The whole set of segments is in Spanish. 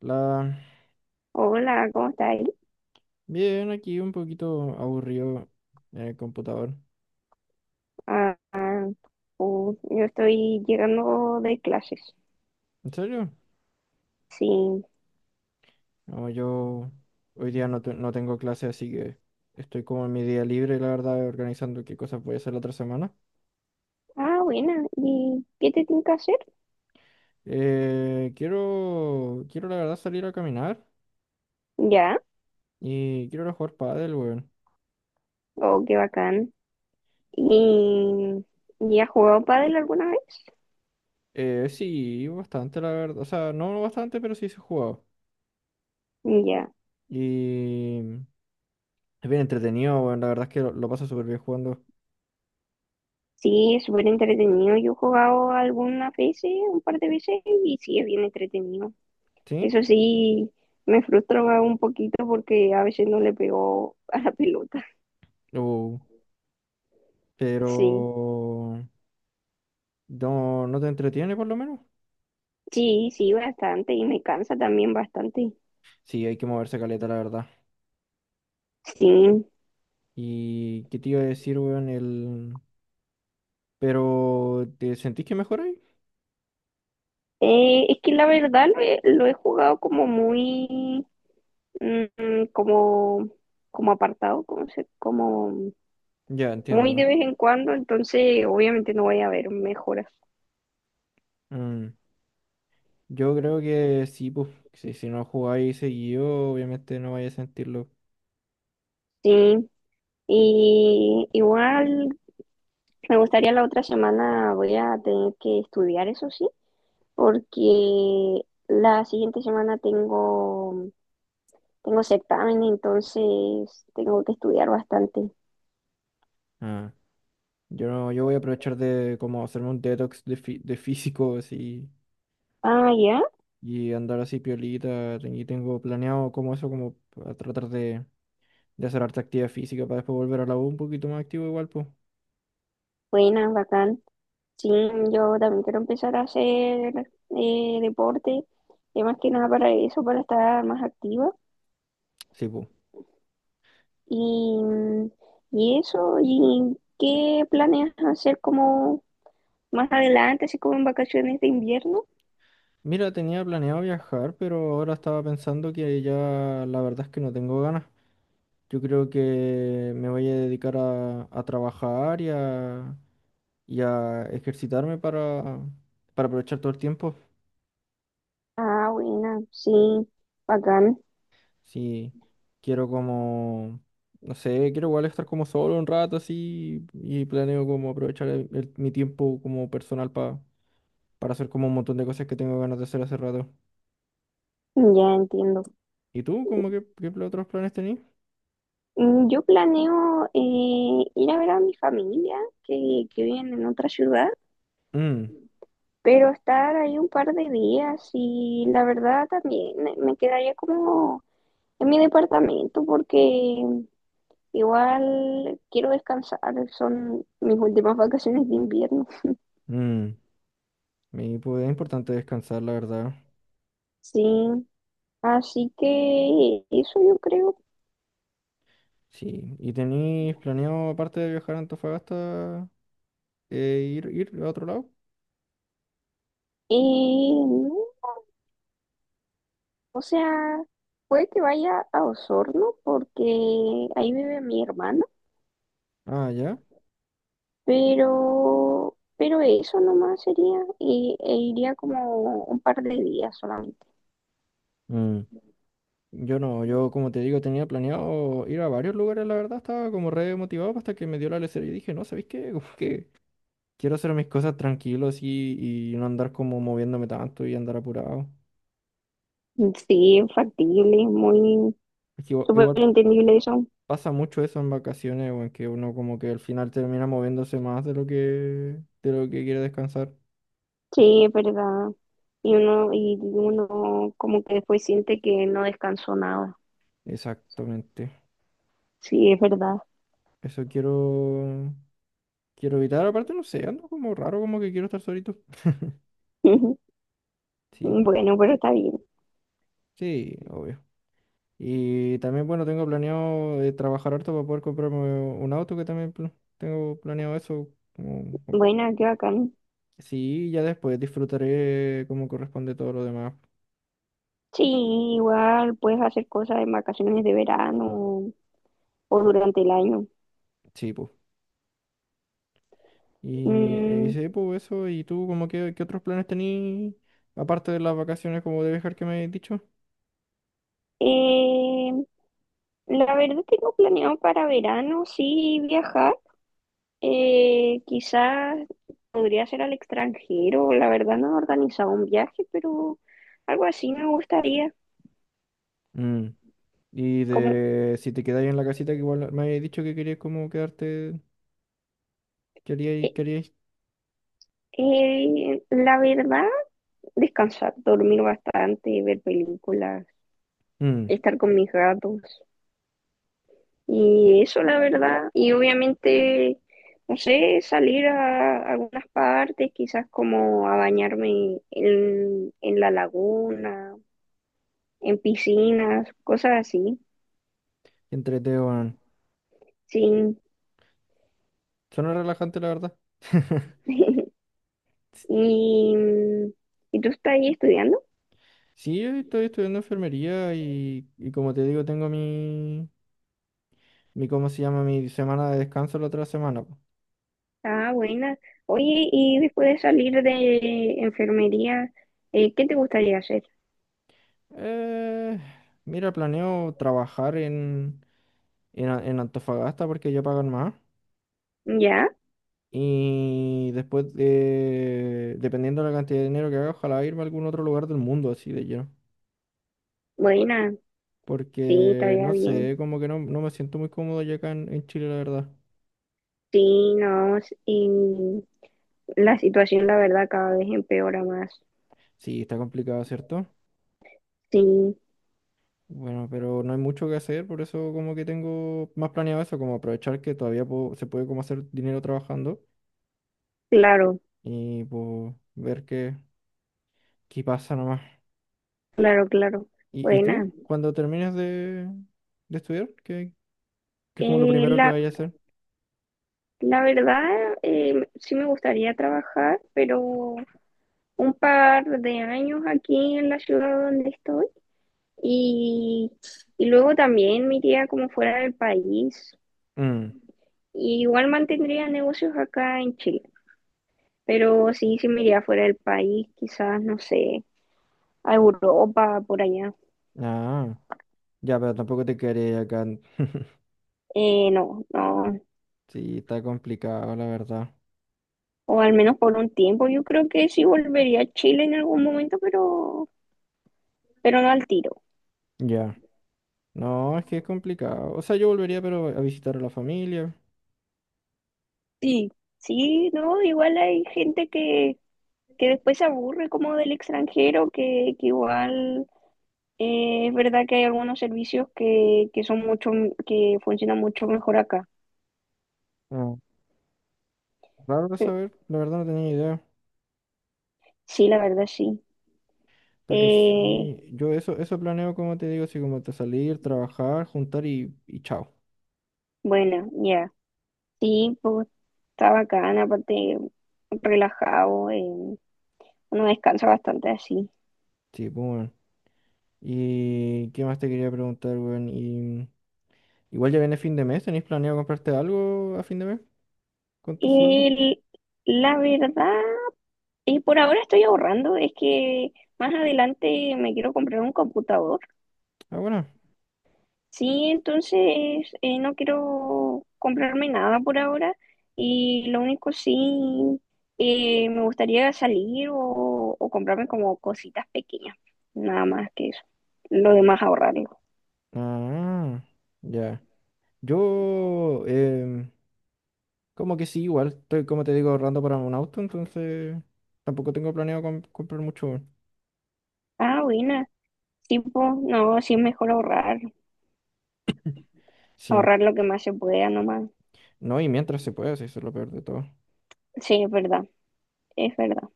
La... Hola, ¿cómo estáis? Bien, aquí un poquito aburrido en el computador. Ah, ah, yo estoy llegando de clases. ¿En serio? Sí. No, yo hoy día no, no tengo clase, así que estoy como en mi día libre, la verdad, organizando qué cosas voy a hacer la otra semana. Ah, buena. ¿Y qué te tengo que hacer? Quiero la verdad salir a caminar Ya. y quiero ir a jugar pádel, weón. Oh, qué bacán. ¿Y, ¿Y has jugado pádel alguna vez? Sí, bastante, la verdad. O sea, no bastante, pero sí se ha jugado. Ya. Y es bien entretenido, weón. La verdad es que lo paso súper bien jugando. Sí, es súper entretenido. Yo he jugado algunas veces, un par de veces, y sí, es bien entretenido. ¿Sí? Eso sí, me frustra un poquito porque a veces no le pego a la pelota. Uh, Sí. pero... No, no te entretiene por lo menos. Sí, sí, bastante. Y me cansa también bastante. Sí, hay que moverse caleta, la verdad. Sí. ¿Y qué te iba a decir, weón? El... Pero, ¿te sentís que mejoráis? Es que la verdad lo he jugado como muy, mm, como, como apartado, como, se- como Ya, Muy entiendo. de vez en cuando, entonces obviamente no voy a ver mejoras. Mm, Yo creo que sí, pues. Si, si no jugáis seguido, obviamente no vais a sentirlo. Sí, y igual me gustaría la otra semana. Voy a tener que estudiar, eso sí, porque la siguiente semana tengo certamen, entonces tengo que estudiar bastante. Ah, yo no, yo voy a aprovechar de como hacerme un detox de, de físico así Ah, ya, y andar así piolita. Y tengo planeado como eso, como a tratar de hacer harta actividad física para después volver a la U un poquito más activo igual, pues. buena, bacán. Sí, yo también quiero empezar a hacer deporte, más que nada para eso, para estar más activa. Sí, pues. Y, y eso. ¿Y qué planeas hacer como más adelante, así como en vacaciones de invierno? Mira, tenía planeado viajar, pero ahora estaba pensando que ya la verdad es que no tengo ganas. Yo creo que me voy a dedicar a trabajar y a ejercitarme para aprovechar todo el tiempo. Ah, buena, sí, bacán, Si quiero como, no sé, quiero igual estar como solo un rato así y planeo como aprovechar mi tiempo como personal para hacer como un montón de cosas que tengo ganas de hacer hace rato. ya entiendo. ¿Y tú? ¿Cómo que qué otros planes tenías? Yo planeo, ir a ver a mi familia, que viven en otra ciudad, Mm, pero estar ahí un par de días. Y la verdad también me quedaría como en mi departamento, porque igual quiero descansar, son mis últimas vacaciones de invierno. mm. Me pues, es importante descansar, la verdad. Sí, así que eso yo creo. Sí. ¿Y tenéis planeado, aparte de viajar a Antofagasta, ir a otro lado? No, o sea, puede que vaya a Osorno porque ahí vive mi hermana, Ah, ya. Pero eso nomás sería. Y, e iría como un par de días solamente. Mm. Yo no, yo como te digo, tenía planeado ir a varios lugares, la verdad, estaba como re motivado hasta que me dio la lecera y dije, no, ¿sabéis qué? Como que quiero hacer mis cosas tranquilos y no andar como moviéndome tanto y andar apurado. Sí, es factible, es muy Es que igual, súper igual entendible eso. pasa mucho eso en vacaciones, o en que uno como que al final termina moviéndose más de lo que quiere descansar. Sí, es verdad. Y uno como que después siente que no descansó nada. Exactamente. Sí, es verdad. Eso quiero evitar. Aparte, no sé, ando como raro, como que quiero estar solito. Sí, Bueno, pero está bien. sí, obvio. Y también, bueno, tengo planeado trabajar harto para poder comprarme un auto, que también tengo planeado eso. Como- Buena, qué bacán. Sí, ya después disfrutaré como corresponde todo lo demás. Sí, igual puedes hacer cosas en vacaciones de verano o durante el año. Sí, pues. Y Mm, sí, pues eso. ¿Y tú, como que, qué otros planes tenís, aparte de las vacaciones como de viajar que me has dicho? eh, la verdad tengo planeado para verano, sí, viajar. Quizás podría ser al extranjero. La verdad no he organizado un viaje, pero algo así me gustaría. Y Como, de si te quedáis en la casita, que igual me habéis dicho que querías como quedarte, queríais. La verdad, descansar, dormir bastante, ver películas, Mm, estar con mis gatos. Y eso, la verdad. Y obviamente, no sé, salir a algunas partes, quizás como a bañarme en la laguna, en piscinas, cosas así. qué entrete, weón. Sí. Suena relajante, la verdad. Y, ¿y tú estás ahí estudiando? Sí, yo estoy estudiando enfermería y como te digo, tengo mi, mi, ¿cómo se llama? Mi semana de descanso la otra semana. Po. Ah, buena. Oye, y después de salir de enfermería, ¿qué te gustaría hacer? Eh, Mira, planeo trabajar en, en Antofagasta porque ya pagan más. Ya, Y después, de, dependiendo de la cantidad de dinero que haga, ojalá irme a algún otro lugar del mundo así de lleno. buena, sí, Porque estaría no bien. sé, como que no, no me siento muy cómodo ya acá en Chile, la verdad. Sí, no, y la situación, la verdad, cada vez empeora más. Sí, está complicado, ¿cierto? Sí, Bueno, pero no hay mucho que hacer, por eso como que tengo más planeado eso, como aprovechar que todavía puedo- se puede como hacer dinero trabajando claro, y pues ver qué, qué pasa nomás. claro, claro. Y Buena. tú? Cuando termines de estudiar, ¿qué, qué es como lo Eh, primero que la, vayas a hacer? la verdad, sí me gustaría trabajar, pero un par de años aquí en la ciudad donde estoy. Y, y luego también me iría como fuera del país. Mm, Y igual mantendría negocios acá en Chile. Pero sí, sí me iría fuera del país, quizás, no sé, a Europa, por allá. ah, ya, pero tampoco te quedaría acá. No, no, Sí, está complicado, la verdad. o al menos por un tiempo. Yo creo que sí volvería a Chile en algún momento, pero no al tiro. Ya. No, es que es complicado. O sea, yo volvería, pero a visitar a la familia. Sí. Sí, no, igual hay gente que después se aburre como del extranjero, que igual es verdad que hay algunos servicios que son mucho, que funcionan mucho mejor acá. Ah, raro de saber, la verdad no tenía idea. Sí, la verdad sí. Pero Eh, sí, yo eso, eso planeo, como te digo, así como te salir, trabajar, juntar y chao. bueno, ya. Sí, pues está bacán, aparte relajado, uno descansa bastante así. Sí, pues bueno. ¿Y qué más te quería preguntar, weón? Y, igual ya viene fin de mes, ¿tenéis planeado comprarte algo a fin de mes con tu sueldo? El- la verdad, y por ahora estoy ahorrando. Es que más adelante me quiero comprar un computador. Ah, bueno. Sí, entonces no quiero comprarme nada por ahora. Y lo único sí, me gustaría salir o comprarme como cositas pequeñas, nada más que eso. Lo demás ahorrarlo. Ah, ya. Yo, como que sí, igual, estoy, como te digo, ahorrando para un auto, entonces tampoco tengo planeado comprar mucho. Weón. Ah, buena. Tipo, no, sí es mejor ahorrar, Sí, ahorrar lo que más se pueda nomás. no, y mientras se pueda, sí, eso es lo peor de todo. Sí, es verdad, es verdad.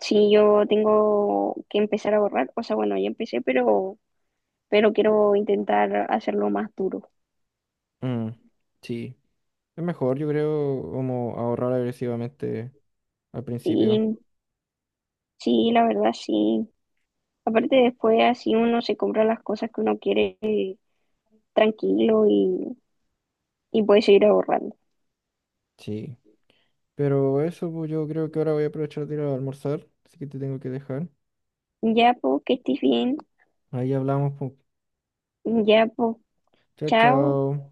Sí, yo tengo que empezar a ahorrar, o sea, bueno, ya empecé, pero quiero intentar hacerlo más duro. Mm, sí, es mejor, yo creo, como ahorrar agresivamente al principio. Sí, sí, la verdad, sí. Aparte después así uno se compra las cosas que uno quiere, tranquilo. Y, y puede seguir ahorrando. Sí, pero eso, pues yo creo que ahora voy a aprovechar de ir a almorzar, así que te tengo que dejar. Ya, pues, que estés bien. Ahí hablamos, pues. Ya, pues, Chao, chao. chao.